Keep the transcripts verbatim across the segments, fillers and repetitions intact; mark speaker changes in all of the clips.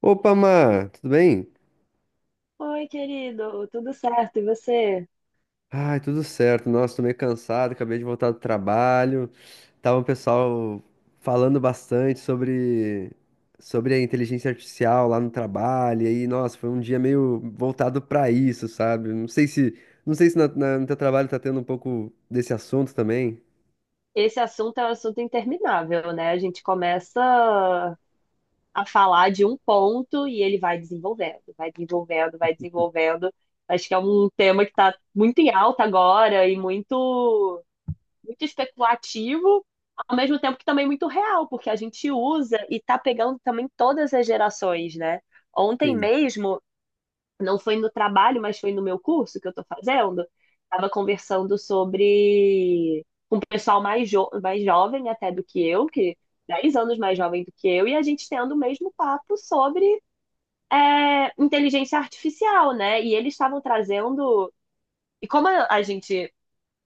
Speaker 1: Opa, Mar, tudo bem?
Speaker 2: Oi, querido, tudo certo? E você?
Speaker 1: Ai, tudo certo. Nossa, tô meio cansado, acabei de voltar do trabalho. Tava o pessoal falando bastante sobre, sobre a inteligência artificial lá no trabalho. E aí, nossa, foi um dia meio voltado pra isso, sabe? Não sei se, não sei se na- na- no teu trabalho tá tendo um pouco desse assunto também.
Speaker 2: Esse assunto é um assunto interminável, né? A gente começa a falar de um ponto e ele vai desenvolvendo, vai desenvolvendo, vai desenvolvendo. Acho que é um tema que está muito em alta agora e muito, muito especulativo, ao mesmo tempo que também muito real, porque a gente usa e está pegando também todas as gerações, né? Ontem
Speaker 1: Sim.
Speaker 2: mesmo não foi no trabalho, mas foi no meu curso que eu estou fazendo, estava conversando sobre um pessoal mais, jo mais jovem até do que eu, que dez anos mais jovem do que eu, e a gente tendo o mesmo papo sobre é, inteligência artificial, né? E eles estavam trazendo. E como a a gente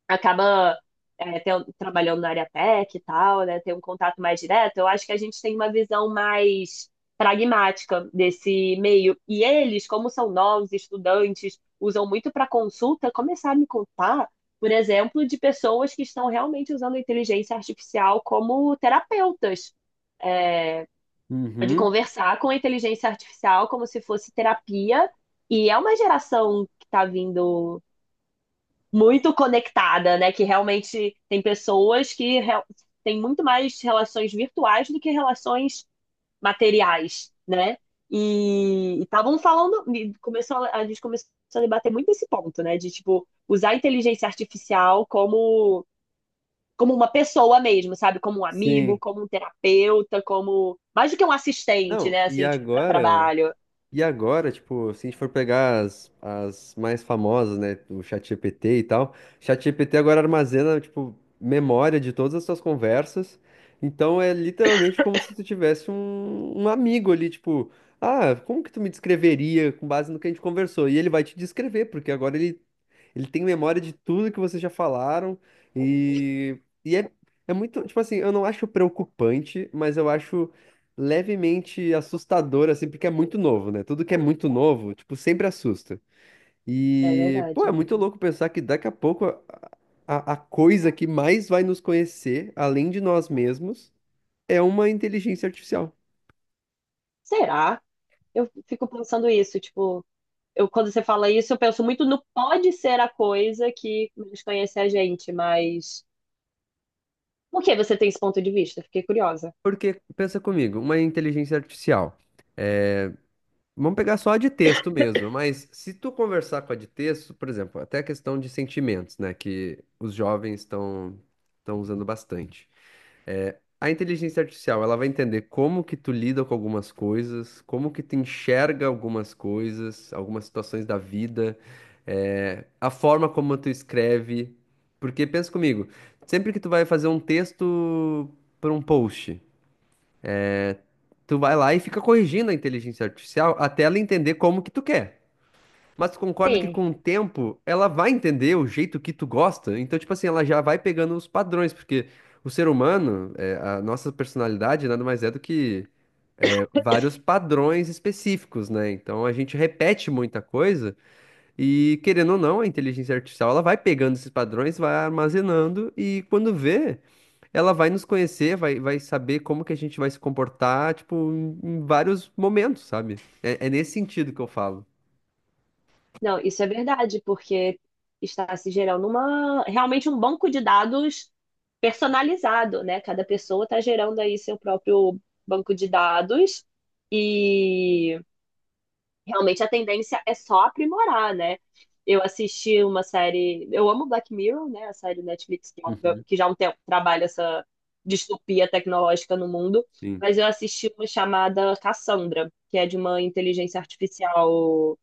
Speaker 2: acaba é, ten- trabalhando na área tech e tal, né? Tem um contato mais direto. Eu acho que a gente tem uma visão mais pragmática desse meio. E eles, como são novos estudantes, usam muito para consulta, começar a me contar, por exemplo, de pessoas que estão realmente usando a inteligência artificial como terapeutas. É, de
Speaker 1: Uhum.
Speaker 2: conversar com a inteligência artificial como se fosse terapia. E é uma geração que está vindo muito conectada, né? Que realmente tem pessoas que re- têm muito mais relações virtuais do que relações materiais, né? E estavam falando, e começou, a a gente começou a debater muito esse ponto, né? De tipo usar a inteligência artificial como como uma pessoa mesmo, sabe? Como um amigo,
Speaker 1: Sim.
Speaker 2: como um terapeuta, como mais do que um assistente,
Speaker 1: Não,
Speaker 2: né?
Speaker 1: e
Speaker 2: Assim, tipo, para
Speaker 1: agora?
Speaker 2: trabalho.
Speaker 1: E agora, tipo, se a gente for pegar as, as mais famosas, né, do ChatGPT e tal, ChatGPT agora armazena, tipo, memória de todas as suas conversas. Então é literalmente como se tu tivesse um, um amigo ali, tipo, ah, como que tu me descreveria com base no que a gente conversou? E ele vai te descrever, porque agora ele, ele tem memória de tudo que vocês já falaram e, e é, é muito, tipo assim, eu não acho preocupante, mas eu acho levemente assustador, assim, porque é muito novo, né? Tudo que é muito novo, tipo, sempre assusta.
Speaker 2: É
Speaker 1: E, pô, é
Speaker 2: verdade.
Speaker 1: muito louco pensar que daqui a pouco a, a- a coisa que mais vai nos conhecer, além de nós mesmos, é uma inteligência artificial.
Speaker 2: Será? Eu fico pensando isso, tipo eu, quando você fala isso, eu penso muito no pode ser a coisa que desconhece a gente, mas por que você tem esse ponto de vista? Fiquei curiosa.
Speaker 1: Porque, pensa comigo, uma inteligência artificial. é, Vamos pegar só a de texto mesmo, mas se tu conversar com a de texto, por exemplo, até a questão de sentimentos, né, que os jovens estão estão usando bastante. A inteligência artificial, ela vai entender como que tu lida com algumas coisas, como que tu enxerga algumas coisas, algumas situações da vida, eh, a forma como tu escreve. Porque pensa comigo, sempre que tu vai fazer um texto para um post, tu vai lá e fica corrigindo a inteligência artificial até ela entender como que tu quer. Mas tu concorda que
Speaker 2: Sim,
Speaker 1: com o tempo ela vai entender o jeito que tu gosta? Então, tipo assim, ela já vai pegando os padrões, porque o ser humano, é, a nossa personalidade nada mais é do que é, vários padrões específicos, né? Então a gente repete muita coisa e, querendo ou não, a inteligência artificial ela vai pegando esses padrões, vai armazenando e quando vê, ela vai nos conhecer, vai, vai saber como que a gente vai se comportar, tipo, em, em vários momentos, sabe? É, é nesse sentido que eu falo.
Speaker 2: não, isso é verdade, porque está se gerando uma realmente um banco de dados personalizado, né? Cada pessoa está gerando aí seu próprio banco de dados e realmente a tendência é só aprimorar, né? Eu assisti uma série, eu amo Black Mirror, né? A série Netflix que é um,
Speaker 1: Uhum.
Speaker 2: que já há um tempo trabalha essa distopia tecnológica no mundo,
Speaker 1: Sim.
Speaker 2: mas eu assisti uma chamada Cassandra, que é de uma inteligência artificial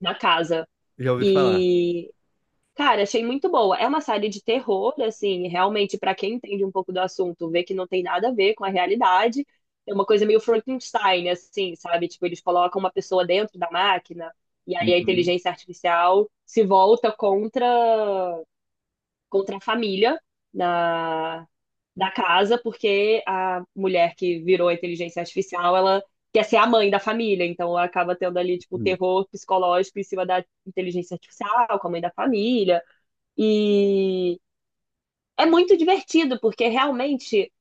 Speaker 2: na casa.
Speaker 1: Já ouvi falar.
Speaker 2: E, cara, achei muito boa. É uma série de terror, assim, realmente, pra quem entende um pouco do assunto, vê que não tem nada a ver com a realidade. É uma coisa meio Frankenstein, assim, sabe? Tipo, eles colocam uma pessoa dentro da máquina e aí a
Speaker 1: Uhum,
Speaker 2: inteligência artificial se volta contra, contra a família na, da casa, porque a mulher que virou a inteligência artificial, ela quer ser a mãe da família, então acaba tendo ali, tipo,
Speaker 1: uhum,
Speaker 2: terror psicológico em cima da inteligência artificial, com a mãe da família. E é muito divertido, porque realmente,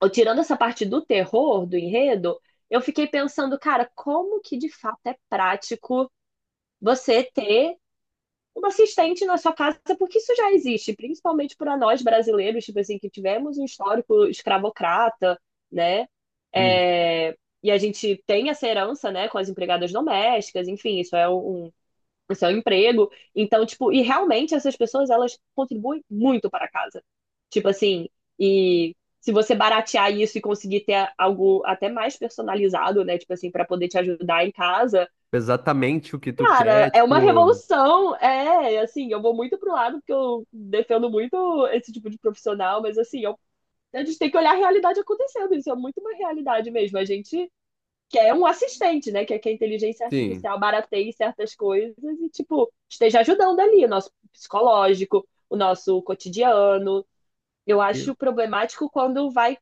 Speaker 2: ó, tirando essa parte do terror, do enredo, eu fiquei pensando, cara, como que de fato é prático você ter uma assistente na sua casa, porque isso já existe, principalmente para nós brasileiros, tipo assim, que tivemos um histórico escravocrata, né?
Speaker 1: uhum.
Speaker 2: É, E a gente tem essa herança, né, com as empregadas domésticas, enfim, isso é um o seu emprego. Então, tipo, e realmente essas pessoas, elas contribuem muito para a casa. Tipo assim, e se você baratear isso e conseguir ter algo até mais personalizado, né, tipo assim, para poder te ajudar em casa,
Speaker 1: Exatamente o que tu quer,
Speaker 2: cara, é uma
Speaker 1: tipo.
Speaker 2: revolução. É, assim, eu vou muito pro lado porque eu defendo muito esse tipo de profissional, mas assim, eu a gente tem que olhar a realidade acontecendo, isso é muito uma realidade mesmo. A gente que é um assistente, né? Que é que a inteligência
Speaker 1: Sim.
Speaker 2: artificial barateie certas coisas e, tipo, esteja ajudando ali o nosso psicológico, o nosso cotidiano. Eu acho
Speaker 1: eu-
Speaker 2: problemático quando vai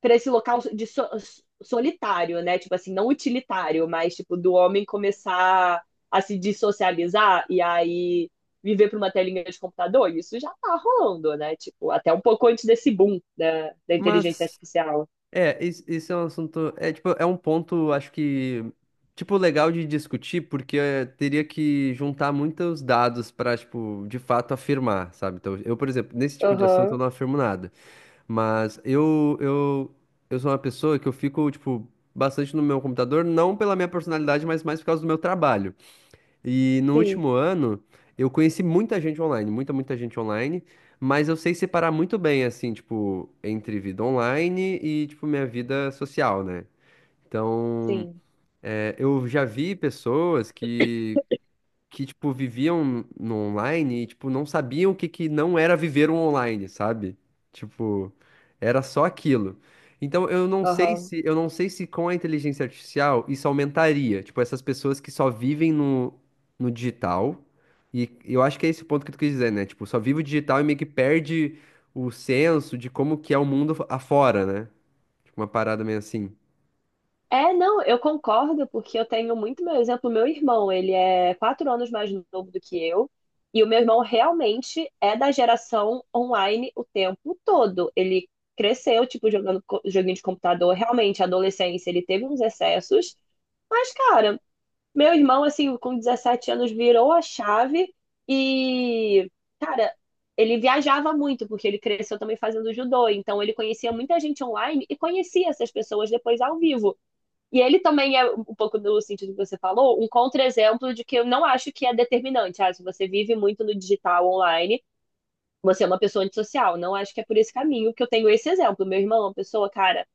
Speaker 2: para esse local de so- solitário, né? Tipo assim, não utilitário, mas tipo do homem começar a se dissocializar e aí viver para uma telinha de computador. Isso já tá rolando, né? Tipo, até um pouco antes desse boom da, da inteligência
Speaker 1: Mas.
Speaker 2: artificial.
Speaker 1: É, isso esse é um assunto. É, tipo, é um ponto, acho que. Tipo, legal de discutir, porque eh, teria que juntar muitos dados para, tipo, de fato afirmar, sabe? Então, eu, por exemplo, nesse tipo de assunto
Speaker 2: Aham,
Speaker 1: eu não afirmo nada, mas eu, eu, eu sou uma pessoa que eu fico, tipo, bastante no meu computador, não pela minha personalidade, mas mais por causa do meu trabalho. E no
Speaker 2: sim,
Speaker 1: último ano, eu conheci muita gente online, muita, muita gente online, mas eu sei separar muito bem, assim, tipo, entre vida online e, tipo, minha vida social, né? Então,
Speaker 2: sim.
Speaker 1: é, eu já vi pessoas que que, tipo, viviam no online e, tipo, não sabiam o que que não era viver o online, sabe? Tipo, era só aquilo. Então, eu não sei
Speaker 2: Aham.
Speaker 1: se, eu não sei se com a inteligência artificial isso aumentaria, tipo, essas pessoas que só vivem no, no digital. E eu acho que é esse o ponto que tu quis dizer, né? Tipo, só vive o digital e meio que perde o senso de como que é o mundo afora, né? Tipo, uma parada meio assim.
Speaker 2: É, não, eu concordo, porque eu tenho muito meu exemplo. Meu irmão, ele é quatro anos mais novo do que eu, e o meu irmão realmente é da geração online o tempo todo. Ele cresceu, tipo, jogando co- joguinho de computador, realmente, a adolescência, ele teve uns excessos, mas, cara, meu irmão, assim, com 17 anos, virou a chave e, cara, ele viajava muito, porque ele cresceu também fazendo judô, então ele conhecia muita gente online e conhecia essas pessoas depois ao vivo. E ele também é um pouco no sentido que você falou, um contra-exemplo de que eu não acho que é determinante. Ah, se você vive muito no digital online, você é uma pessoa antissocial. Não acho que é por esse caminho que eu tenho esse exemplo. Meu irmão é uma pessoa, cara,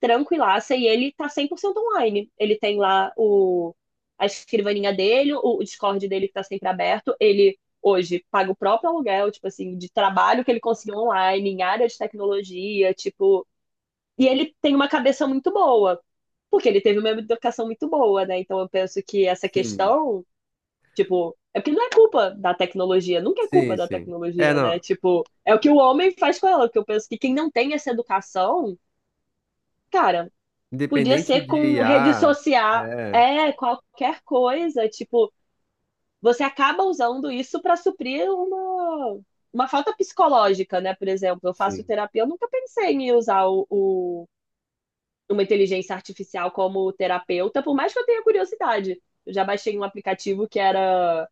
Speaker 2: tranquilaça e ele tá cem por cento online. Ele tem lá o, a escrivaninha dele, o, o Discord dele que tá sempre aberto. Ele hoje paga o próprio aluguel, tipo assim, de trabalho que ele conseguiu online, em área de tecnologia, tipo. E ele tem uma cabeça muito boa. Porque ele teve uma educação muito boa, né? Então eu penso que essa
Speaker 1: Sim,
Speaker 2: questão, tipo, é porque não é culpa da tecnologia, nunca é culpa
Speaker 1: sim,
Speaker 2: da
Speaker 1: sim. É,
Speaker 2: tecnologia, né?
Speaker 1: não.
Speaker 2: Tipo, é o que o homem faz com ela, que eu penso que quem não tem essa educação, cara, podia
Speaker 1: Independente
Speaker 2: ser
Speaker 1: de
Speaker 2: com rede
Speaker 1: I A,
Speaker 2: social,
Speaker 1: é.
Speaker 2: é, qualquer coisa, tipo, você acaba usando isso para suprir uma uma falta psicológica, né? Por exemplo, eu faço
Speaker 1: Sim.
Speaker 2: terapia, eu nunca pensei em usar o, o numa inteligência artificial como terapeuta, por mais que eu tenha curiosidade. Eu já baixei um aplicativo que era.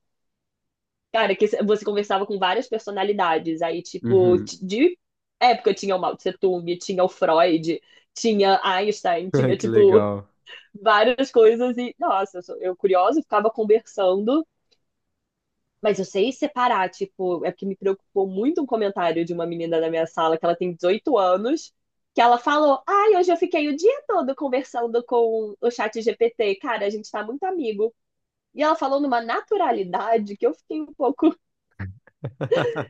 Speaker 2: Cara, que você conversava com várias personalidades. Aí, tipo,
Speaker 1: Uhum.
Speaker 2: de época tinha o Mao Tse Tung, tinha o Freud, tinha Einstein,
Speaker 1: Ai,
Speaker 2: tinha,
Speaker 1: que
Speaker 2: tipo,
Speaker 1: legal.
Speaker 2: várias coisas. E, nossa, eu, sou, eu curiosa, ficava conversando, mas eu sei separar, tipo, é porque me preocupou muito um comentário de uma menina da minha sala, que ela tem dezoito anos, que ela falou: Ai, hoje eu fiquei o dia todo conversando com o chat G P T, cara, a gente tá muito amigo. E ela falou numa naturalidade que eu fiquei um pouco.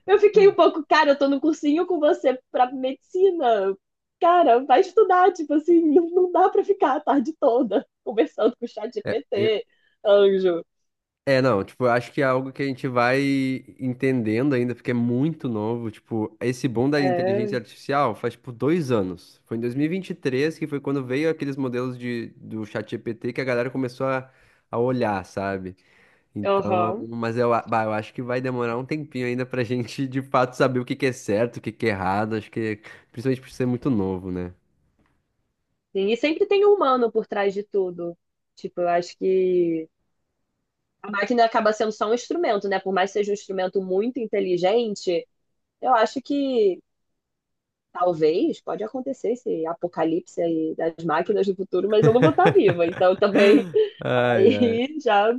Speaker 2: Eu fiquei um pouco, cara, eu tô no cursinho com você pra medicina. Cara, vai estudar, tipo assim, não não dá pra ficar a tarde toda conversando com o chat
Speaker 1: É, eu-
Speaker 2: G P T, anjo.
Speaker 1: é, não, tipo, eu acho que é algo que a gente vai entendendo ainda, porque é muito novo. Tipo, esse boom da
Speaker 2: É,
Speaker 1: inteligência artificial faz, tipo, dois anos. Foi em dois mil e e vinte e três que foi quando veio aqueles modelos de, do ChatGPT que a galera começou a, a olhar, sabe? Então,
Speaker 2: aham.
Speaker 1: mas eu, a- bah, eu acho que vai demorar um tempinho ainda pra gente, de fato, saber o que que é certo, o que que é errado. Acho que, principalmente por ser muito novo, né?
Speaker 2: Sim, e sempre tem um humano por trás de tudo. Tipo, eu acho que a máquina acaba sendo só um instrumento, né? Por mais que seja um instrumento muito inteligente, eu acho que talvez pode acontecer esse apocalipse aí das máquinas no futuro, mas eu não vou estar viva, então também
Speaker 1: Ai, ai.
Speaker 2: aí já,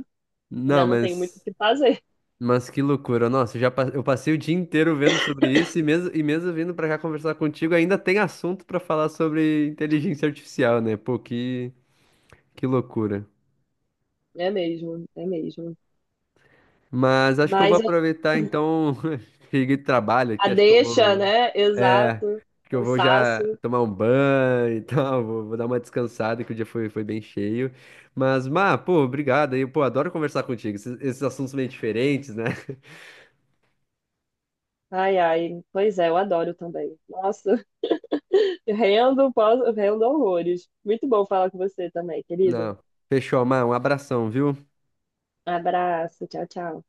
Speaker 2: já
Speaker 1: Não,
Speaker 2: não tenho muito o
Speaker 1: mas.
Speaker 2: que fazer.
Speaker 1: Mas que loucura. Nossa, eu já pa- eu passei o dia inteiro vendo sobre isso e mesmo, e mesmo vindo pra cá conversar contigo, ainda tem assunto pra falar sobre inteligência artificial, né? Pô, que, que loucura.
Speaker 2: É mesmo, é mesmo.
Speaker 1: Mas acho que eu vou
Speaker 2: Mas
Speaker 1: aproveitar então, cheguei de trabalho
Speaker 2: a
Speaker 1: aqui, acho que eu
Speaker 2: deixa,
Speaker 1: vou,
Speaker 2: né?
Speaker 1: é,
Speaker 2: Exato.
Speaker 1: acho que eu vou já
Speaker 2: Cansaço.
Speaker 1: tomar um banho e tal, vou, vou dar uma descansada que o dia foi, foi bem cheio. Mas, Má, pô, obrigado aí, pô, adoro conversar contigo, esses, esses assuntos meio diferentes, né?
Speaker 2: Ai, ai. Pois é, eu adoro também. Nossa. Rendo, posso, rendo horrores. Muito bom falar com você também, querido.
Speaker 1: Não, fechou, Má, um abração, viu?
Speaker 2: Abraço, tchau, tchau.